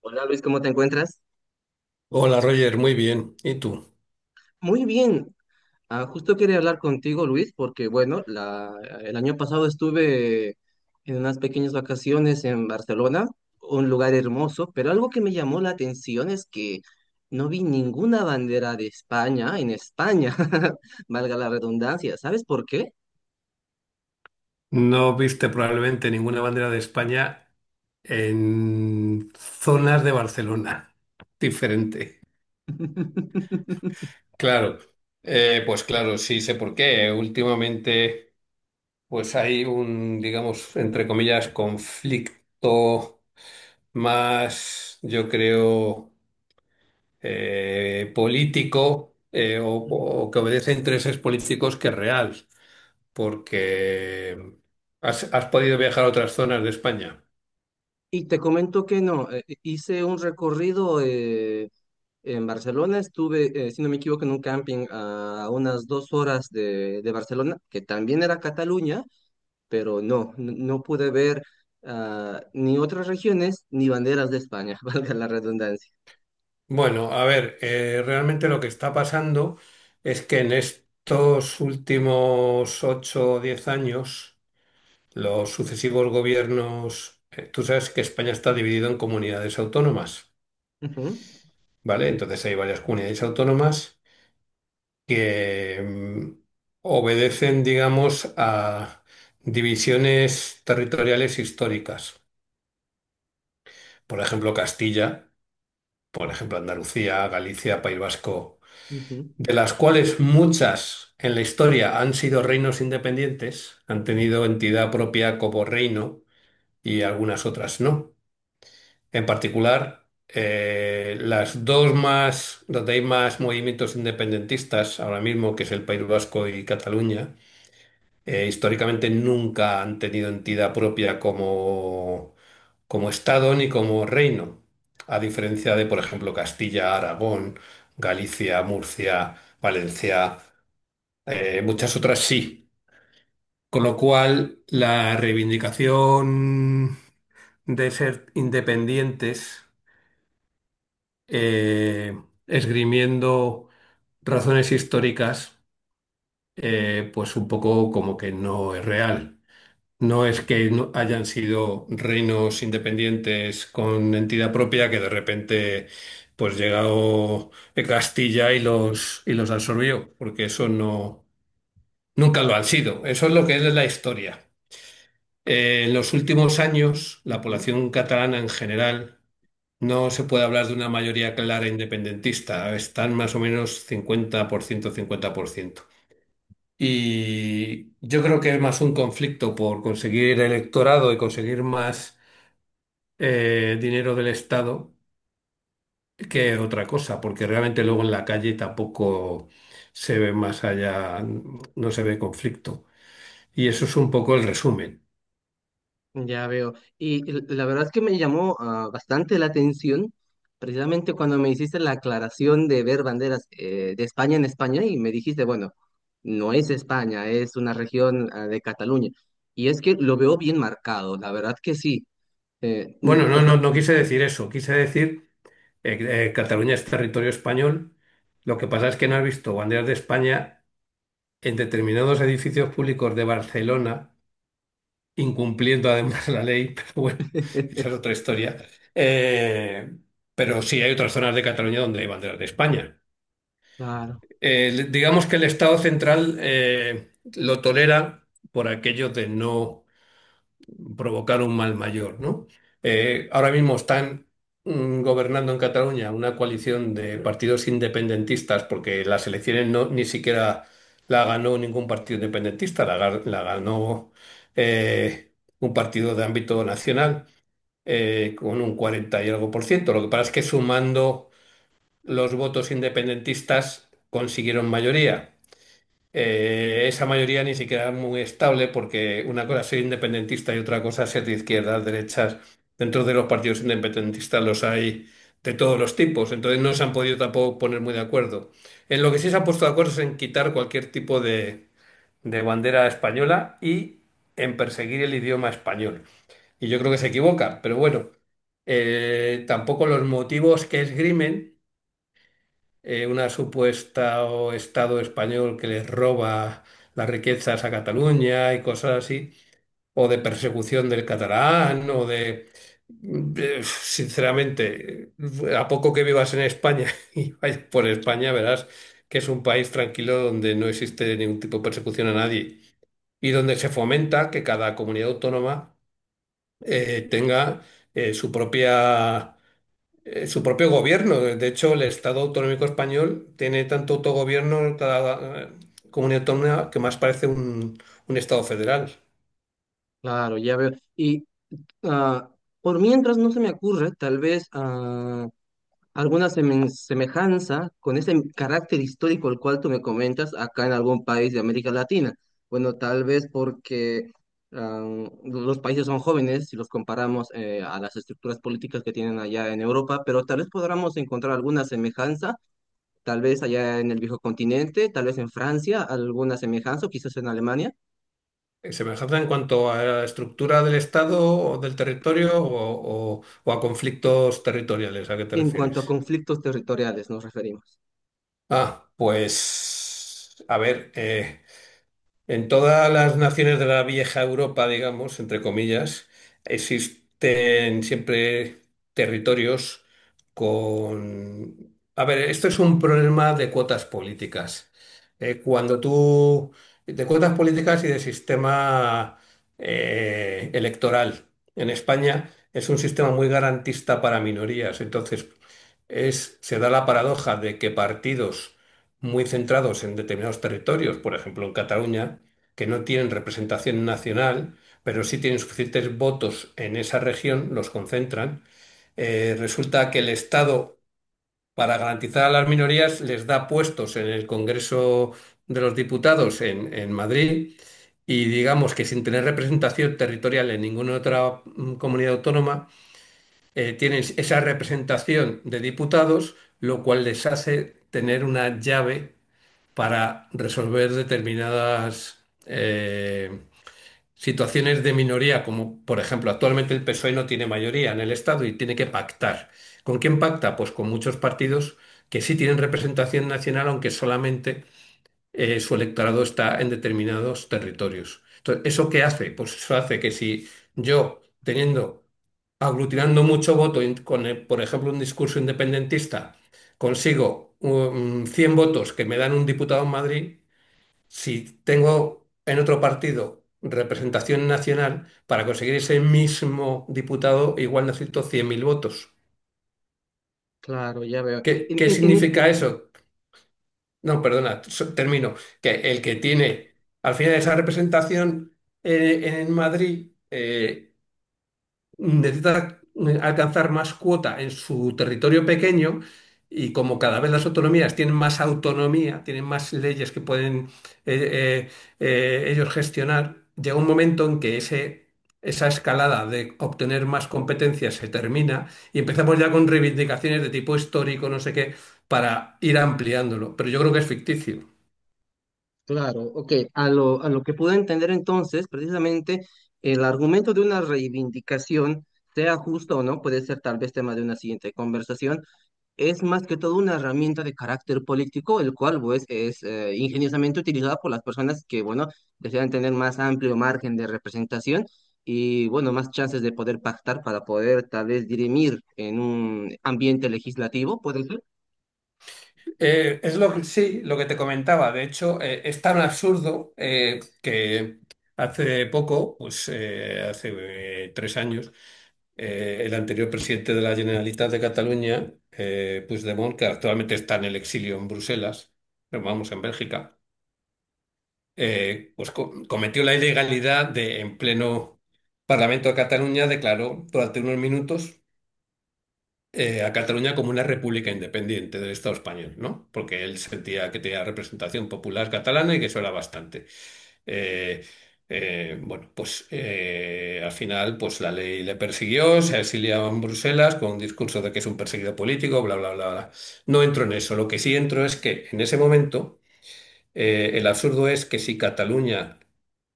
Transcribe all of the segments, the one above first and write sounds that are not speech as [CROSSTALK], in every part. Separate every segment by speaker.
Speaker 1: Hola Luis, ¿cómo te encuentras?
Speaker 2: Hola Roger, muy bien. ¿Y tú?
Speaker 1: Muy bien. Justo quería hablar contigo, Luis, porque el año pasado estuve en unas pequeñas vacaciones en Barcelona, un lugar hermoso, pero algo que me llamó la atención es que no vi ninguna bandera de España en España, [LAUGHS] valga la redundancia. ¿Sabes por qué?
Speaker 2: No viste probablemente ninguna bandera de España en zonas de Barcelona. [LAUGHS] Diferente.
Speaker 1: [LAUGHS]
Speaker 2: Claro, pues claro, sí sé por qué. Últimamente, pues hay un, digamos, entre comillas, conflicto más, yo creo, político o,
Speaker 1: Ujú.
Speaker 2: o que obedece a intereses políticos que real. Porque has podido viajar a otras zonas de España.
Speaker 1: Y te comento que no, hice un recorrido. En Barcelona estuve, si no me equivoco, en un camping a unas dos horas de Barcelona, que también era Cataluña, pero no pude ver ni otras regiones ni banderas de España, [LAUGHS] valga la redundancia.
Speaker 2: Bueno, a ver, realmente lo que está pasando es que en estos últimos 8 o 10 años, los sucesivos gobiernos, tú sabes que España está dividido en comunidades autónomas,
Speaker 1: Ujú,
Speaker 2: ¿vale? Entonces hay varias comunidades autónomas que obedecen, digamos, a divisiones territoriales históricas. Por ejemplo, Castilla. Por ejemplo, Andalucía, Galicia, País Vasco,
Speaker 1: ujú,
Speaker 2: de las cuales muchas en la historia han sido reinos independientes, han tenido entidad propia como reino y algunas otras no. En particular, las dos más, donde hay más movimientos independentistas ahora mismo, que es el País Vasco y Cataluña, históricamente nunca han tenido entidad propia como Estado ni como reino, a diferencia de, por ejemplo, Castilla, Aragón, Galicia, Murcia, Valencia, muchas otras sí. Con lo cual, la reivindicación de ser independientes, eh, esgrimiendo razones históricas, pues un poco como que no es real. No es que no hayan sido reinos independientes con entidad propia que de repente pues llegó Castilla y los absorbió, porque eso no nunca lo han sido. Eso es lo que es la historia. En los últimos años, la
Speaker 1: ujú.
Speaker 2: población catalana en general no se puede hablar de una mayoría clara independentista. Están más o menos cincuenta ciento-50%, 50%. Y yo creo que es más un conflicto por conseguir electorado y conseguir más dinero del Estado que otra cosa, porque realmente luego en la calle tampoco se ve más allá, no se ve conflicto. Y eso es un poco el resumen.
Speaker 1: Ya veo. Y la verdad es que me llamó bastante la atención, precisamente cuando me hiciste la aclaración de ver banderas de España en España y me dijiste, bueno, no es España, es una región de Cataluña. Y es que lo veo bien marcado, la verdad que sí. Eh,
Speaker 2: Bueno,
Speaker 1: mm,
Speaker 2: no,
Speaker 1: tota-
Speaker 2: no, no quise decir eso, quise decir Cataluña es territorio español. Lo que pasa es que no has visto banderas de España en determinados edificios públicos de Barcelona, incumpliendo además la ley, [LAUGHS] pero bueno, esa
Speaker 1: [LAUGHS]
Speaker 2: es otra historia. Eh, pero sí hay otras zonas de Cataluña donde hay banderas de España.
Speaker 1: Claro,
Speaker 2: Digamos que el Estado central lo tolera por aquello de no provocar un mal mayor, ¿no? Ahora mismo están gobernando en Cataluña una coalición de partidos independentistas porque las elecciones no, ni siquiera la ganó ningún partido independentista, la ganó eh, un partido de ámbito nacional con un 40 y algo por ciento. Lo que pasa es que sumando los votos independentistas consiguieron mayoría. Esa mayoría ni siquiera es muy estable porque una cosa es ser independentista y otra cosa es ser de izquierdas, derechas. Dentro de los partidos independentistas los hay de todos los tipos, entonces no se han podido tampoco poner muy de acuerdo. En lo que sí se han puesto de acuerdo es en quitar cualquier tipo de bandera española y en perseguir el idioma español. Y yo creo que se equivoca, pero bueno, tampoco los motivos que esgrimen una supuesta o Estado español que les roba las riquezas a Cataluña y cosas así, o de persecución del catalán, o de sinceramente, a poco que vivas en España [LAUGHS] y vayas por España, verás que es un país tranquilo donde no existe ningún tipo de persecución a nadie y donde se fomenta que cada comunidad autónoma tenga eh, su propia su propio gobierno. De hecho, el Estado autonómico español tiene tanto autogobierno cada comunidad autónoma que más parece un Estado federal.
Speaker 1: claro, ya veo. Y ah, por mientras no se me ocurre, tal vez alguna semejanza con ese carácter histórico al cual tú me comentas acá en algún país de América Latina. Bueno, tal vez porque ah, los países son jóvenes si los comparamos a las estructuras políticas que tienen allá en Europa, pero tal vez podamos encontrar alguna semejanza, tal vez allá en el viejo continente, tal vez en Francia, alguna semejanza, o quizás en Alemania,
Speaker 2: Semejanza en cuanto a la estructura del Estado o del territorio o a conflictos territoriales, ¿a qué te
Speaker 1: en cuanto a
Speaker 2: refieres?
Speaker 1: conflictos territoriales nos referimos.
Speaker 2: Ah, pues, a ver, en todas las naciones de la vieja Europa, digamos, entre comillas, existen siempre territorios con a ver, esto es un problema de cuotas políticas. Cuando tú de cuotas políticas y de sistema electoral. En España es un sistema muy garantista para minorías. Entonces, es, se da la paradoja de que partidos muy centrados en determinados territorios, por ejemplo en Cataluña, que no tienen representación nacional, pero sí tienen suficientes votos en esa región, los concentran. Resulta que el Estado, para garantizar a las minorías, les da puestos en el Congreso de los Diputados en Madrid y digamos que sin tener representación territorial en ninguna otra comunidad autónoma, tienen esa representación de diputados, lo cual les hace tener una llave para resolver determinadas situaciones de minoría, como por ejemplo actualmente el PSOE no tiene mayoría en el Estado y tiene que pactar. ¿Con quién pacta? Pues con muchos partidos que sí tienen representación nacional, aunque solamente su electorado está en determinados territorios. Entonces, ¿eso qué hace? Pues eso hace que si yo, teniendo, aglutinando mucho voto con, por ejemplo, un discurso independentista, consigo 100 votos que me dan un diputado en Madrid, si tengo en otro partido representación nacional, para conseguir ese mismo diputado igual necesito 100.000 votos.
Speaker 1: Claro, ya veo.
Speaker 2: ¿Qué, qué significa eso? No, perdona, termino. Que el que tiene al final esa representación en Madrid, necesita alcanzar más cuota en su territorio pequeño y como cada vez las autonomías tienen más autonomía, tienen más leyes que pueden eh, eh, ellos gestionar, llega un momento en que ese, esa escalada de obtener más competencias se termina y empezamos ya con reivindicaciones de tipo histórico, no sé qué, para ir ampliándolo. Pero yo creo que es ficticio.
Speaker 1: Claro, ok. A lo que puedo entender entonces, precisamente el argumento de una reivindicación, sea justo, o no, puede ser tal vez tema de una siguiente conversación, es más que todo una herramienta de carácter político, el cual pues es ingeniosamente utilizada por las personas que, bueno, desean tener más amplio margen de representación y, bueno, más chances de poder pactar para poder tal vez dirimir en un ambiente legislativo, puede ser.
Speaker 2: Es lo que sí, lo que te comentaba. De hecho, es tan absurdo que hace poco, pues hace 3 años, el anterior presidente de la Generalitat de Cataluña, Puigdemont, que actualmente está en el exilio en Bruselas, pero vamos, en Bélgica, pues cometió la ilegalidad de, en pleno Parlamento de Cataluña, declaró durante unos minutos a Cataluña como una república independiente del Estado español, ¿no? Porque él sentía que tenía representación popular catalana y que eso era bastante. Eh, bueno, pues al final pues la ley le persiguió, se exiliaba en Bruselas con un discurso de que es un perseguido político, bla, bla, bla, bla. No entro en eso. Lo que sí entro es que en ese momento el absurdo es que si Cataluña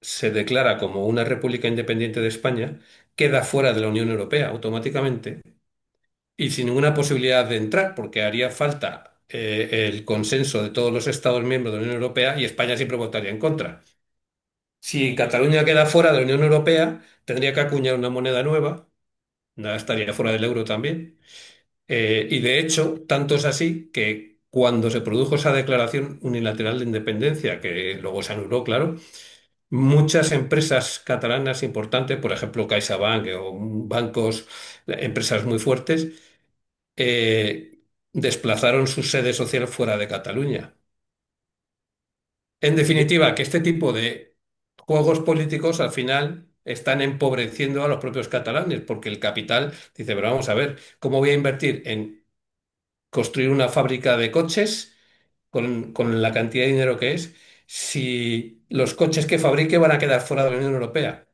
Speaker 2: se declara como una república independiente de España, queda fuera de la Unión Europea automáticamente y sin ninguna posibilidad de entrar, porque haría falta el consenso de todos los Estados miembros de la Unión Europea y España siempre votaría en contra. Si Cataluña queda fuera de la Unión Europea, tendría que acuñar una moneda nueva, nada, estaría fuera del euro también. Y de hecho, tanto es así que cuando se produjo esa declaración unilateral de independencia, que luego se anuló, claro, muchas empresas catalanas importantes, por ejemplo CaixaBank o bancos, empresas muy fuertes, eh, desplazaron su sede social fuera de Cataluña. En definitiva, que este tipo de juegos políticos al final están empobreciendo a los propios catalanes, porque el capital dice, pero vamos a ver, ¿cómo voy a invertir en construir una fábrica de coches con la cantidad de dinero que es si los coches que fabrique van a quedar fuera de la Unión Europea?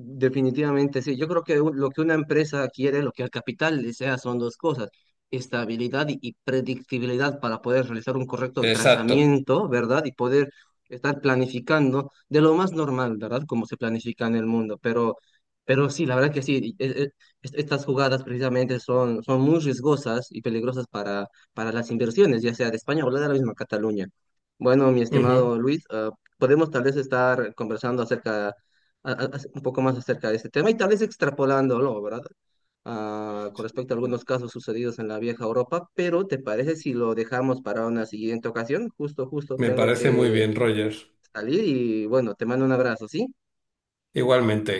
Speaker 1: Definitivamente, sí. Yo creo que lo que una empresa quiere, lo que el capital desea, son dos cosas, estabilidad y predictibilidad para poder realizar un correcto
Speaker 2: Exacto.
Speaker 1: trazamiento, ¿verdad? Y poder estar planificando de lo más normal, ¿verdad? Como se planifica en el mundo. Pero sí, la verdad que sí, estas jugadas precisamente son muy riesgosas y peligrosas para las inversiones, ya sea de España o de la misma Cataluña. Bueno, mi
Speaker 2: Ujú.
Speaker 1: estimado Luis, podemos tal vez estar conversando acerca a- a- un poco más acerca de este tema y tal vez extrapolándolo, ¿verdad? Ah, con respecto a algunos casos sucedidos en la vieja Europa, pero ¿te parece si lo dejamos para una siguiente ocasión? Justo, justo,
Speaker 2: Me
Speaker 1: tengo
Speaker 2: parece muy
Speaker 1: que
Speaker 2: bien, Rogers.
Speaker 1: salir y bueno, te mando un abrazo, ¿sí?
Speaker 2: Igualmente.